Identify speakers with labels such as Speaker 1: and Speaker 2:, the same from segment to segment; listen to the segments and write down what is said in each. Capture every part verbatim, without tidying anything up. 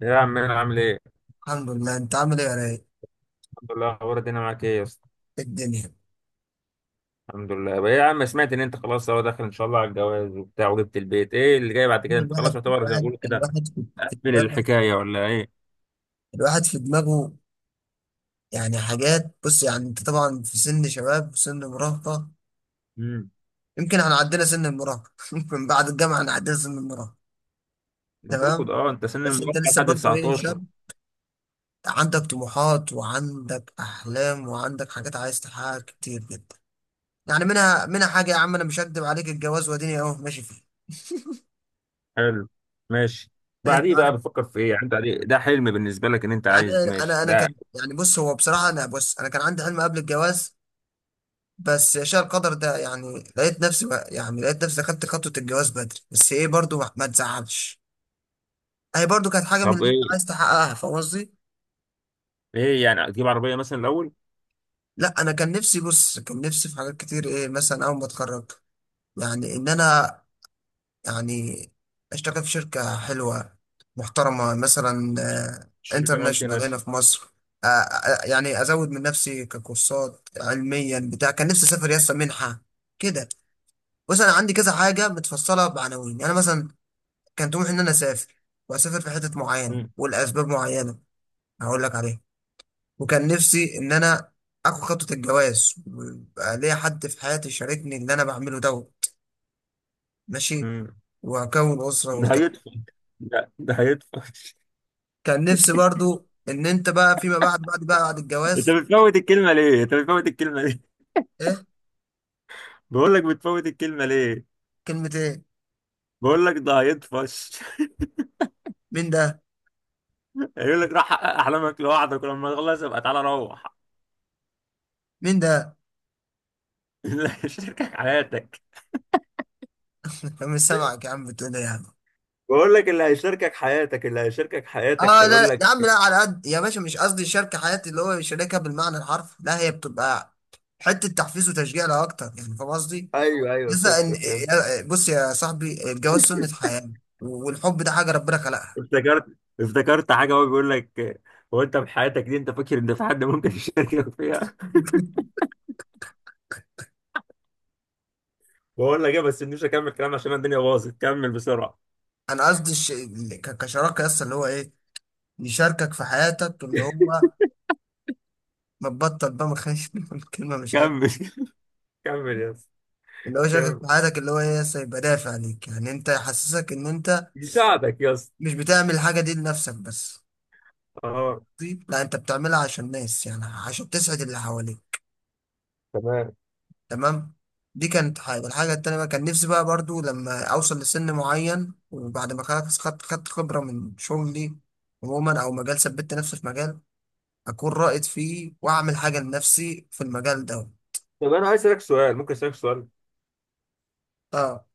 Speaker 1: يا عم انا عامل ايه؟
Speaker 2: الحمد لله. انت عامل ايه يا رايق؟
Speaker 1: الحمد لله. اخبار الدنيا معاك ايه يا اسطى؟
Speaker 2: إيه الدنيا؟
Speaker 1: الحمد لله. بقى إيه يا عم، سمعت ان انت خلاص هو داخل ان شاء الله على الجواز وبتاع وجبت البيت، ايه اللي جاي بعد كده؟ انت خلاص
Speaker 2: الواحد
Speaker 1: يعتبر زي ما
Speaker 2: الواحد
Speaker 1: بيقولوا كده
Speaker 2: الواحد في في
Speaker 1: قفل
Speaker 2: دماغه.
Speaker 1: الحكايه ولا ايه؟
Speaker 2: الواحد في دماغه. يعني حاجات، بص، يعني انت طبعا في سن شباب وسن مراهقة.
Speaker 1: امم
Speaker 2: يمكن احنا عدينا سن المراهقة. ممكن بعد الجامعة احنا عدينا سن المراهقة.
Speaker 1: المفروض
Speaker 2: تمام.
Speaker 1: اه انت سن
Speaker 2: بس انت
Speaker 1: المراهقه
Speaker 2: لسه
Speaker 1: لحد
Speaker 2: برضو ايه
Speaker 1: تسعة عشر.
Speaker 2: شاب. عندك طموحات وعندك احلام وعندك حاجات عايز تحققها كتير جدا. يعني منها منها حاجة، يا عم انا مش هكدب عليك، الجواز واديني اهو ماشي فيه.
Speaker 1: حلو. ماشي.
Speaker 2: انت
Speaker 1: بعديه بقى
Speaker 2: عارف،
Speaker 1: بتفكر في ايه؟ يعني انت عليه- ده حلم بالنسبه لك ان انت
Speaker 2: يعني
Speaker 1: عايز
Speaker 2: انا
Speaker 1: ماشي
Speaker 2: انا أنا
Speaker 1: ده؟
Speaker 2: كان يعني، بص هو بصراحه انا، بص، انا كان عندي حلم قبل الجواز. بس يا شاء القدر ده، يعني لقيت نفسي بقى، يعني لقيت نفسي خدت خطوه الجواز بدري. بس ايه برضو، ما ما تزعلش، هي برضو كانت حاجه من
Speaker 1: طب
Speaker 2: اللي انت عايز
Speaker 1: ايه؟
Speaker 2: تحققها، فاهم قصدي؟
Speaker 1: ايه يعني، تجيب عربيه مثلا الاول؟
Speaker 2: لا، انا كان نفسي، بص كان نفسي في حاجات كتير. ايه مثلا؟ اول ما اتخرج يعني، ان انا يعني اشتغل في شركة حلوة محترمة مثلا
Speaker 1: شركه مالتي
Speaker 2: انترناشونال هنا
Speaker 1: ناشونال.
Speaker 2: في مصر. آه، آه، يعني ازود من نفسي ككورسات علميا بتاع. كان نفسي اسافر يسطا منحة كده. بص انا عندي كذا حاجة متفصلة بعناوين، يعني مثلا كان طموحي ان انا اسافر، واسافر في حتة معينة
Speaker 1: امم
Speaker 2: ولاسباب معينة هقول لك عليها. وكان نفسي ان انا اخد خطوة الجواز ويبقى ليا حد في حياتي يشاركني اللي انا بعمله دوت. ماشي،
Speaker 1: امم
Speaker 2: واكون اسرة
Speaker 1: ده
Speaker 2: والكلام.
Speaker 1: هيدفع. ده ده هيدفع.
Speaker 2: كان نفسي برضو ان انت بقى فيما بعد بعد بقى بعد
Speaker 1: انت
Speaker 2: الجواز.
Speaker 1: بتفوت الكلمه ليه؟ انت بتفوت الكلمه.
Speaker 2: ايه؟
Speaker 1: بقول لك بتفوت الكلمة ليه؟
Speaker 2: كلمة ايه؟
Speaker 1: بقول لك ده هيطفش.
Speaker 2: مين ده؟
Speaker 1: يقول لك راح حقق أحلامك لوحدك ولما تخلص يبقى تعالى روح.
Speaker 2: مين ده؟
Speaker 1: اللي هيشاركك حياتك.
Speaker 2: مش سامعك يا عم، بتقول ايه يا عم؟
Speaker 1: بقول لك اللي هيشاركك حياتك، اللي هيشاركك حياتك
Speaker 2: اه لا
Speaker 1: هيقول
Speaker 2: لا، يا
Speaker 1: لك.
Speaker 2: عم لا، على قد، يا باشا مش قصدي شركة حياتي اللي هو شريكها بالمعنى الحرفي، لا هي بتبقى حتة تحفيز وتشجيع لا اكتر، يعني فاهم قصدي؟
Speaker 1: ايوه ايوه،
Speaker 2: لسه
Speaker 1: فهمت
Speaker 2: ان إيه،
Speaker 1: فهمت.
Speaker 2: يا- بص يا صاحبي، الجواز سنة حياة والحب ده حاجة ربنا خلقها.
Speaker 1: افتكرت، افتكرت حاجة. هو بيقول لك هو أنت في حياتك دي أنت فاكر إن في حد ممكن يشاركك فيها؟ بقول لك إيه بس مش هكمل كلام عشان الدنيا باظت. كمل بسرعة.
Speaker 2: انا قصدي الش... ك- كشراكة لسه، اللي هو ايه، يشاركك في حياتك، اللي هو ما تبطل بقى، ما خليش الكلمة مش حلوة.
Speaker 1: كمل. كمل يا اسطى.
Speaker 2: اللي هو شاكك
Speaker 1: كمل،
Speaker 2: في حياتك، اللي هو ايه لسه يبقى دافع عليك، يعني انت يحسسك ان انت
Speaker 1: يساعدك يا اسطى.
Speaker 2: مش بتعمل الحاجه دي لنفسك بس.
Speaker 1: اه.
Speaker 2: طيب لا، انت بتعملها عشان الناس، يعني عشان تسعد اللي حواليك.
Speaker 1: تمام.
Speaker 2: تمام. دي كانت حاجه. الحاجه التانيه بقى، كان نفسي بقى برضو لما اوصل لسن معين، وبعد ما خلاص خدت خدت خبره من شغلي عموما، او مجال ثبت نفسي في مجال اكون رائد فيه، واعمل حاجه لنفسي في المجال ده.
Speaker 1: طب انا عايز اسالك سؤال، ممكن اسالك سؤال؟
Speaker 2: اه،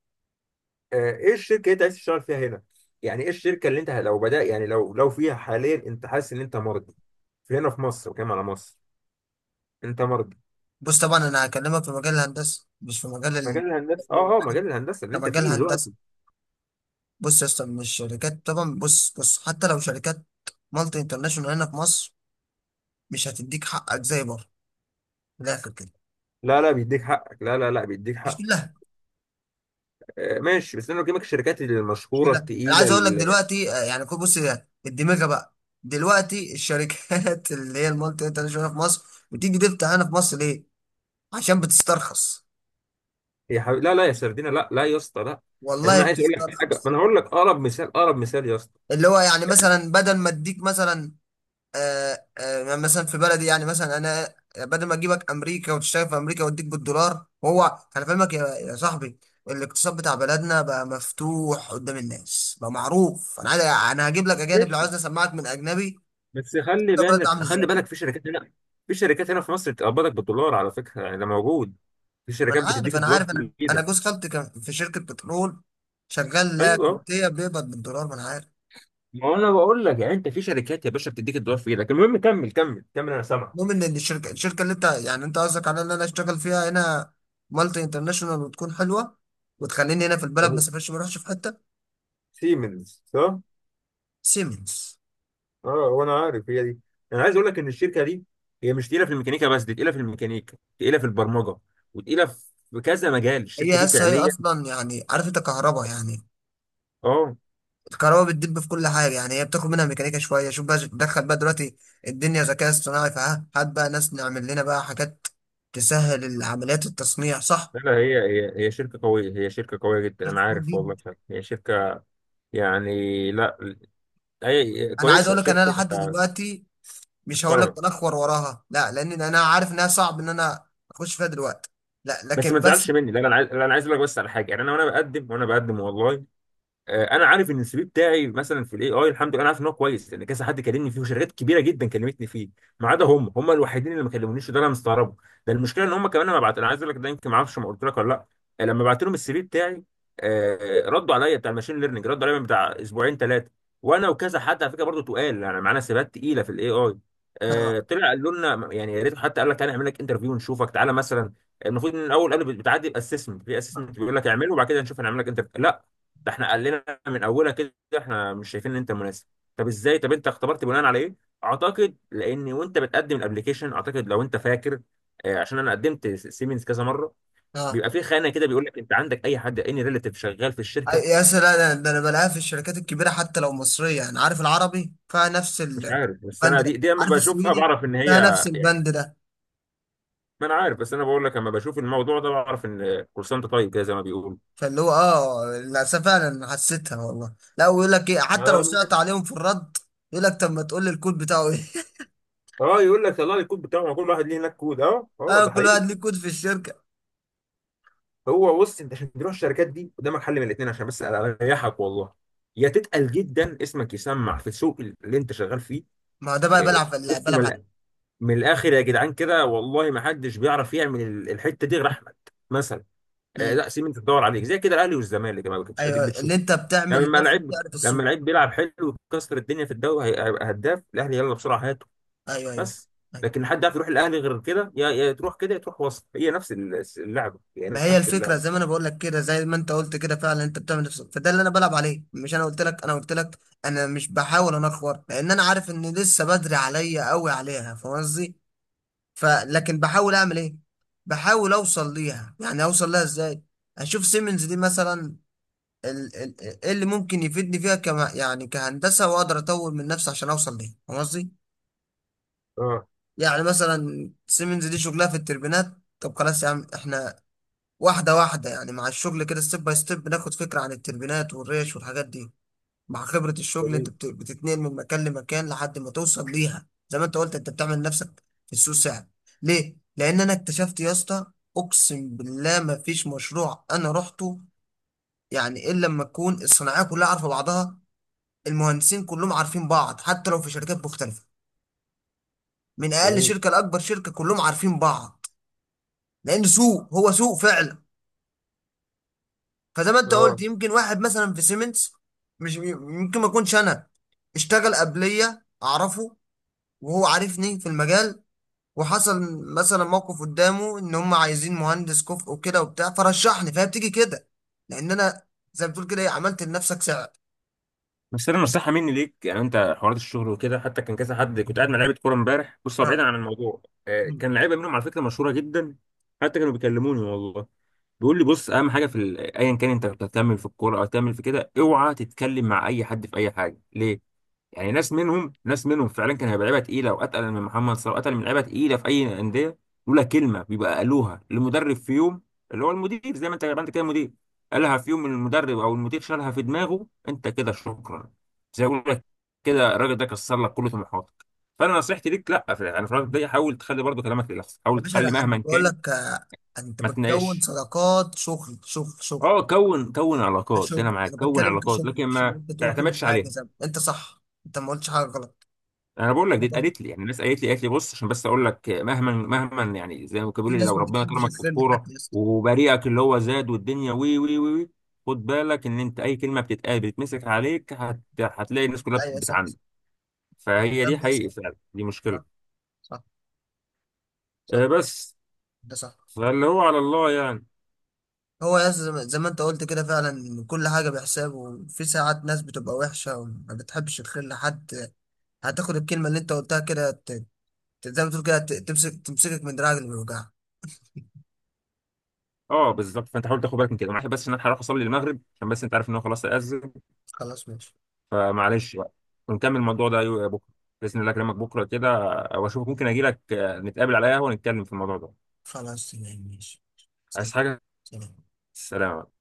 Speaker 1: آه، ايه الشركه اللي انت عايز تشتغل فيها هنا؟ يعني ايه الشركه اللي انت لو بدأ، يعني لو لو فيها حاليا انت حاسس ان انت مرضي في هنا في مصر وكمان على مصر انت مرضي؟
Speaker 2: بص طبعا انا هكلمك في مجال الهندسه مش في مجال ال...
Speaker 1: مجال الهندسه، اه اه،
Speaker 2: يعني
Speaker 1: مجال الهندسه اللي انت
Speaker 2: كمجال
Speaker 1: فيه
Speaker 2: هندسه.
Speaker 1: دلوقتي.
Speaker 2: بص يا اسطى، من الشركات طبعا، بص بص حتى لو شركات مالتي انترناشونال هنا في مصر مش هتديك حقك زي بره، من الاخر كده.
Speaker 1: لا لا، بيديك حقك، لا لا لا، بيديك
Speaker 2: مش
Speaker 1: حق.
Speaker 2: كلها.
Speaker 1: آه ماشي، بس انا بكلمك الشركات
Speaker 2: مش
Speaker 1: المشهوره
Speaker 2: كلها، انا
Speaker 1: التقيله
Speaker 2: عايز اقول لك
Speaker 1: ال-
Speaker 2: دلوقتي، آه، يعني كل- بص يا- الدماغه بقى دلوقتي، الشركات اللي هي المالتي انترناشونال في مصر، بتيجي تفتح هنا في مصر ليه؟ عشان بتسترخص.
Speaker 1: يا حبيبي لا لا يا سردينه، لا لا يا اسطى لا. يعني
Speaker 2: والله
Speaker 1: انا عايز اقول لك حاجه، ما
Speaker 2: بتسترخص.
Speaker 1: انا هقول لك اقرب مثال، اقرب مثال يا اسطى.
Speaker 2: اللي هو يعني مثلا بدل ما اديك مثلا، آه، آه، مثلا في بلدي، يعني مثلا انا بدل ما اجيبك امريكا وتشتغل في امريكا واديك بالدولار، وهو انا فاهمك يا يا صاحبي. الاقتصاد بتاع بلدنا بقى مفتوح قدام الناس بقى معروف. انا عايز، انا هجيب لك اجانب لو
Speaker 1: ماشي.
Speaker 2: عايز اسمعك من اجنبي
Speaker 1: بس خلي
Speaker 2: ده بلد عامل
Speaker 1: بالك، خلي
Speaker 2: ازاي.
Speaker 1: بالك، في شركات هنا، في شركات هنا في مصر بتقبضك بالدولار على فكره، يعني ده موجود. في
Speaker 2: ما انا
Speaker 1: شركات
Speaker 2: عارف
Speaker 1: بتديك
Speaker 2: انا
Speaker 1: الدولار
Speaker 2: عارف انا
Speaker 1: في
Speaker 2: انا
Speaker 1: ايدك.
Speaker 2: جوز خالتي كان في شركه بترول شغال لا
Speaker 1: ايوه.
Speaker 2: كويتيه، بيقبض بالدولار، ما انا عارف.
Speaker 1: ما هو انا بقول لك، يعني انت في شركات يا باشا بتديك الدولار في ايدك، المهم كمل كمل كمل انا سامعك.
Speaker 2: المهم ان الشركه الشركه اللي انت يعني، انت قصدك على ان انا اشتغل فيها هنا مالتي انترناشونال وتكون حلوه، وتخليني هنا في البلد ما
Speaker 1: طب
Speaker 2: اسافرش ما اروحش في حته.
Speaker 1: سيمنز صح؟
Speaker 2: سيمنز.
Speaker 1: اه وانا عارف هي دي. انا عايز اقول لك ان الشركه دي هي مش تقيله في الميكانيكا بس، دي تقيله في الميكانيكا، تقيله في البرمجه، وتقيله في كذا مجال الشركه
Speaker 2: هي
Speaker 1: دي
Speaker 2: هسه، هي
Speaker 1: فعليا.
Speaker 2: اصلا يعني عارف انت كهرباء يعني.
Speaker 1: اه
Speaker 2: الكهرباء بتدب في كل حاجه، يعني هي بتاخد منها ميكانيكا شويه. شوف بقى دخل بقى دلوقتي الدنيا ذكاء اصطناعي، فها هات بقى ناس نعمل لنا بقى حاجات تسهل عمليات التصنيع، صح؟
Speaker 1: لا لا، هي هي هي شركه قويه، هي شركه قويه جدا انا عارف
Speaker 2: دي-
Speaker 1: والله فعلا، هي شركه يعني، لا هي
Speaker 2: انا عايز
Speaker 1: كويسه،
Speaker 2: اقول لك ان انا
Speaker 1: شركه
Speaker 2: لحد دلوقتي مش هقول لك
Speaker 1: محترمه.
Speaker 2: بنخور وراها، لا، لان انا عارف انها صعب ان انا اخش فيها دلوقتي، لا،
Speaker 1: بس
Speaker 2: لكن
Speaker 1: ما
Speaker 2: بس.
Speaker 1: تزعلش مني، لا انا عايز، لا، انا عايز اقول لك بس على حاجه، يعني انا وانا بقدم وانا بقدم والله. آه، انا عارف ان السي في بتاعي مثلا في الاي اي الحمد لله، انا عارف ان هو كويس لان كذا حد كلمني فيه وشركات كبيره جدا كلمتني فيه. ما عدا هم هم الوحيدين اللي ما كلمونيش وده انا مستغربه. ده المشكله ان هم كمان لما بعت، انا عايز اقول لك ده يمكن ما اعرفش ما قلت لك ولا لا. آه، لما بعت لهم السي في بتاعي، آه، ردوا عليا بتاع الماشين ليرنينج، ردوا عليا من بتاع اسبوعين ثلاثه، وانا وكذا حد على فكره برضه تقال يعني معانا، سيبات تقيله في الاي اي.
Speaker 2: اه،
Speaker 1: طلع قالوا لنا يعني يا ريت، حتى قال لك تعالى نعمل لك انترفيو ونشوفك تعالى مثلا. المفروض ان الاول قالوا بتعدي الاسسمنت، في اسسمنت بيقول لك اعمله وبعد كده نشوف هنعمل لك انترفيو، لا، ده احنا قال لنا من اولها كده احنا مش شايفين ان انت مناسب. طب ازاي؟ طب انت اختبرت بناء على ايه؟ اعتقد لان وانت بتقدم الابليكيشن، اعتقد لو انت فاكر، آه، عشان انا قدمت سيمنز كذا مره،
Speaker 2: اه.
Speaker 1: بيبقى في خانه كده بيقول لك انت عندك اي حد اني ريليتيف شغال في الشركه.
Speaker 2: يا سلام. ده ده انا بلاقيها في الشركات الكبيره حتى لو مصريه. يعني عارف العربي فيها نفس
Speaker 1: مش عارف، بس
Speaker 2: البند
Speaker 1: انا دي
Speaker 2: ده،
Speaker 1: دي لما
Speaker 2: عارف
Speaker 1: بشوفها
Speaker 2: السويدي
Speaker 1: بعرف ان هي
Speaker 2: فيها نفس
Speaker 1: يعني،
Speaker 2: البند ده.
Speaker 1: ما انا عارف، بس انا بقول لك لما بشوف الموضوع ده بعرف ان كول سنتر طيب كده زي ما بيقولوا.
Speaker 2: فاللي هو اه للاسف فعلا حسيتها والله. لا، ويقول لك ايه؟ حتى لو
Speaker 1: اه من
Speaker 2: سقط
Speaker 1: الآخر.
Speaker 2: عليهم في الرد يقول لك طب ما تقول لي الكود بتاعه ايه.
Speaker 1: آه، يقول لك طلع لي الكود بتاعه، ما كل واحد ليه هناك كود؟ اه اه
Speaker 2: اه،
Speaker 1: ده
Speaker 2: كل واحد
Speaker 1: حقيقي.
Speaker 2: ليه كود في الشركه.
Speaker 1: هو بص انت عشان تروح الشركات دي قدامك حل من الاثنين عشان بس اريحك والله: يا تتقل جدا، اسمك يسمع في السوق اللي انت شغال فيه.
Speaker 2: ما هو ده بقى،
Speaker 1: إيه،
Speaker 2: بلعب بلعب
Speaker 1: بص
Speaker 2: بلعب
Speaker 1: من
Speaker 2: على-
Speaker 1: الآ- من الاخر يا جدعان كده، والله ما حدش بيعرف يعمل ال- الحته دي غير احمد مثلا. آه،
Speaker 2: مم.
Speaker 1: لا سيب انت تدور عليك زي كده الاهلي والزمالك يا جماعه، كنتش اديك
Speaker 2: ايوه،
Speaker 1: بتشوف.
Speaker 2: اللي انت بتعمل
Speaker 1: لما
Speaker 2: لنفسك
Speaker 1: لعيب،
Speaker 2: تعرف
Speaker 1: لما
Speaker 2: السوق.
Speaker 1: لعيب بيلعب حلو وكسر الدنيا في الدوري، هي- هيبقى هداف الاهلي، يلا بسرعه هاته.
Speaker 2: ايوه، ايوه.
Speaker 1: بس.
Speaker 2: أيوة.
Speaker 1: لكن حد عارف يروح الاهلي غير كده؟ يا يا تروح كده يا تروح وسط، هي نفس ال- اللعبه،
Speaker 2: ما
Speaker 1: هي
Speaker 2: هي
Speaker 1: نفس
Speaker 2: الفكره،
Speaker 1: اللعبه.
Speaker 2: زي ما انا بقول لك كده، زي ما انت قلت كده فعلا، انت بتعمل نفسك، فده اللي انا بلعب عليه. مش انا قلت لك انا قلت لك، انا مش بحاول انخور لان انا عارف ان لسه بدري عليا قوي عليها، فاهم قصدي؟ فلكن بحاول اعمل ايه؟ بحاول اوصل ليها، يعني اوصل لها ازاي؟ اشوف سيمنز دي مثلا، ال- ال- ايه اللي ممكن يفيدني فيها كما يعني كهندسه، واقدر اطور من نفسي عشان اوصل ليها، فاهم قصدي؟
Speaker 1: اه.
Speaker 2: يعني مثلا سيمنز دي شغلها في التربينات. طب خلاص يا عم، احنا واحدة واحدة يعني مع الشغل كده، ستيب باي ستيب، بناخد فكرة عن التربينات والريش والحاجات دي. مع خبرة الشغل انت بت- بتتنقل من مكان لمكان لحد ما توصل ليها، زي ما انت قلت انت بتعمل نفسك في السوق ساعة. ليه؟ لأن أنا اكتشفت يا اسطى، أقسم بالله ما فيش مشروع أنا رحته، يعني إلا لما تكون الصناعية كلها عارفة بعضها. المهندسين كلهم عارفين بعض حتى لو في شركات مختلفة، من أقل
Speaker 1: جميل.
Speaker 2: شركة لأكبر شركة كلهم عارفين بعض، لأن سوق هو سوق فعلا. فزي ما انت قلت،
Speaker 1: اه
Speaker 2: يمكن واحد مثلا في سيمنز، مش يمكن ما يكونش انا اشتغل قبليه اعرفه، وهو عارفني في المجال، وحصل مثلا موقف قدامه ان هم عايزين مهندس كفء وكده وبتاع فرشحني، فهي بتيجي كده، لان انا زي ما بتقول كده، ايه، عملت لنفسك سعر.
Speaker 1: بس انا نصيحه مني ليك، يعني انت حوارات الشغل وكده، حتى كان كذا حد كنت قاعد مع لعيبه كوره امبارح، بص هو
Speaker 2: اه.
Speaker 1: بعيدا عن الموضوع، آه،
Speaker 2: مم.
Speaker 1: كان لعيبه منهم على فكره مشهوره جدا، حتى كانوا بيكلموني والله، بيقول لي بص اهم حاجه في ال- ايا كان انت بتكمل في الكوره او تكمل في كده، اوعى تتكلم مع اي حد في اي حاجه. ليه؟ يعني ناس منهم ناس منهم فعلا كان هيبقى لعيبه تقيله، واتقل من محمد صلاح، واتقل من لعيبه تقيله في اي انديه، لولا كلمه بيبقى قالوها للمدرب في يوم، اللي هو المدير، زي ما انت، ما انت كده مدير، قالها في يوم المدرب او المدير شالها في دماغه انت كده، شكرا. زي ما بقول لك كده الراجل ده كسر لك كل طموحاتك. فانا نصيحتي ليك، لا في يعني في الراجل ده حاول تخلي برضه كلامك للاخص،
Speaker 2: يا
Speaker 1: حاول
Speaker 2: باشا لا،
Speaker 1: تخلي
Speaker 2: انا
Speaker 1: مهما
Speaker 2: بقول
Speaker 1: كان
Speaker 2: لك، آه، انت
Speaker 1: ما
Speaker 2: بتكون
Speaker 1: تناقش.
Speaker 2: صداقات شغل شغل شغل،
Speaker 1: اه، كون كون علاقات، ده انا
Speaker 2: كشغل
Speaker 1: معاك
Speaker 2: انا
Speaker 1: كون
Speaker 2: بتكلم
Speaker 1: علاقات،
Speaker 2: كشغل،
Speaker 1: لكن
Speaker 2: مش ان
Speaker 1: ما
Speaker 2: انت تقول كل
Speaker 1: تعتمدش
Speaker 2: حاجه
Speaker 1: عليها.
Speaker 2: زي ما- انت صح، انت ما قلتش حاجه غلط.
Speaker 1: انا بقول لك دي
Speaker 2: انا برضه
Speaker 1: اتقالت لي يعني، الناس قالت لي، قالت لي بص عشان بس اقول لك، مهما مهما يعني، زي ما كانوا
Speaker 2: في
Speaker 1: بيقولوا لي،
Speaker 2: ناس
Speaker 1: لو
Speaker 2: ما
Speaker 1: ربنا
Speaker 2: بتحبش
Speaker 1: كرمك في
Speaker 2: الفيلم
Speaker 1: الكوره
Speaker 2: حتى يا اسطى.
Speaker 1: وبريئك اللي هو زاد والدنيا وي وي وي وي، خد بالك ان انت اي كلمه بتتقال بتتمسك عليك، هت... هتلاقي الناس كلها
Speaker 2: ايوه صح.
Speaker 1: بتعاندك. فهي
Speaker 2: الكلام
Speaker 1: دي حقيقي
Speaker 2: بيحصل.
Speaker 1: فعلا، دي مشكله.
Speaker 2: صح، صح، صح.
Speaker 1: آه بس.
Speaker 2: ده صح.
Speaker 1: فاللي هو على الله يعني.
Speaker 2: هو يا اسطى، زي ما زي ما انت قلت كده فعلا، كل حاجه بحساب، وفي ساعات ناس بتبقى وحشه وما بتحبش الخير لحد. هتاخد الكلمه اللي انت قلتها كده، ت- ت- زي ما تقول كده، ت- تمسك تمسكك من دراعك اللي بيوجعك.
Speaker 1: اه بالظبط، فانت حاول تاخد بالك من كده. معلش بس ان انا هروح اصلي المغرب عشان بس انت عارف ان هو خلاص اذن.
Speaker 2: خلاص ماشي.
Speaker 1: فمعلش بقى، ونكمل الموضوع ده يو- بكره، باذن الله اكلمك بكره كده واشوفك، ممكن اجي لك، آه، نتقابل على قهوه ونتكلم في الموضوع ده.
Speaker 2: خلاص تمام ماشي.
Speaker 1: عايز
Speaker 2: سلام.
Speaker 1: حاجة؟
Speaker 2: سلام.
Speaker 1: سلام.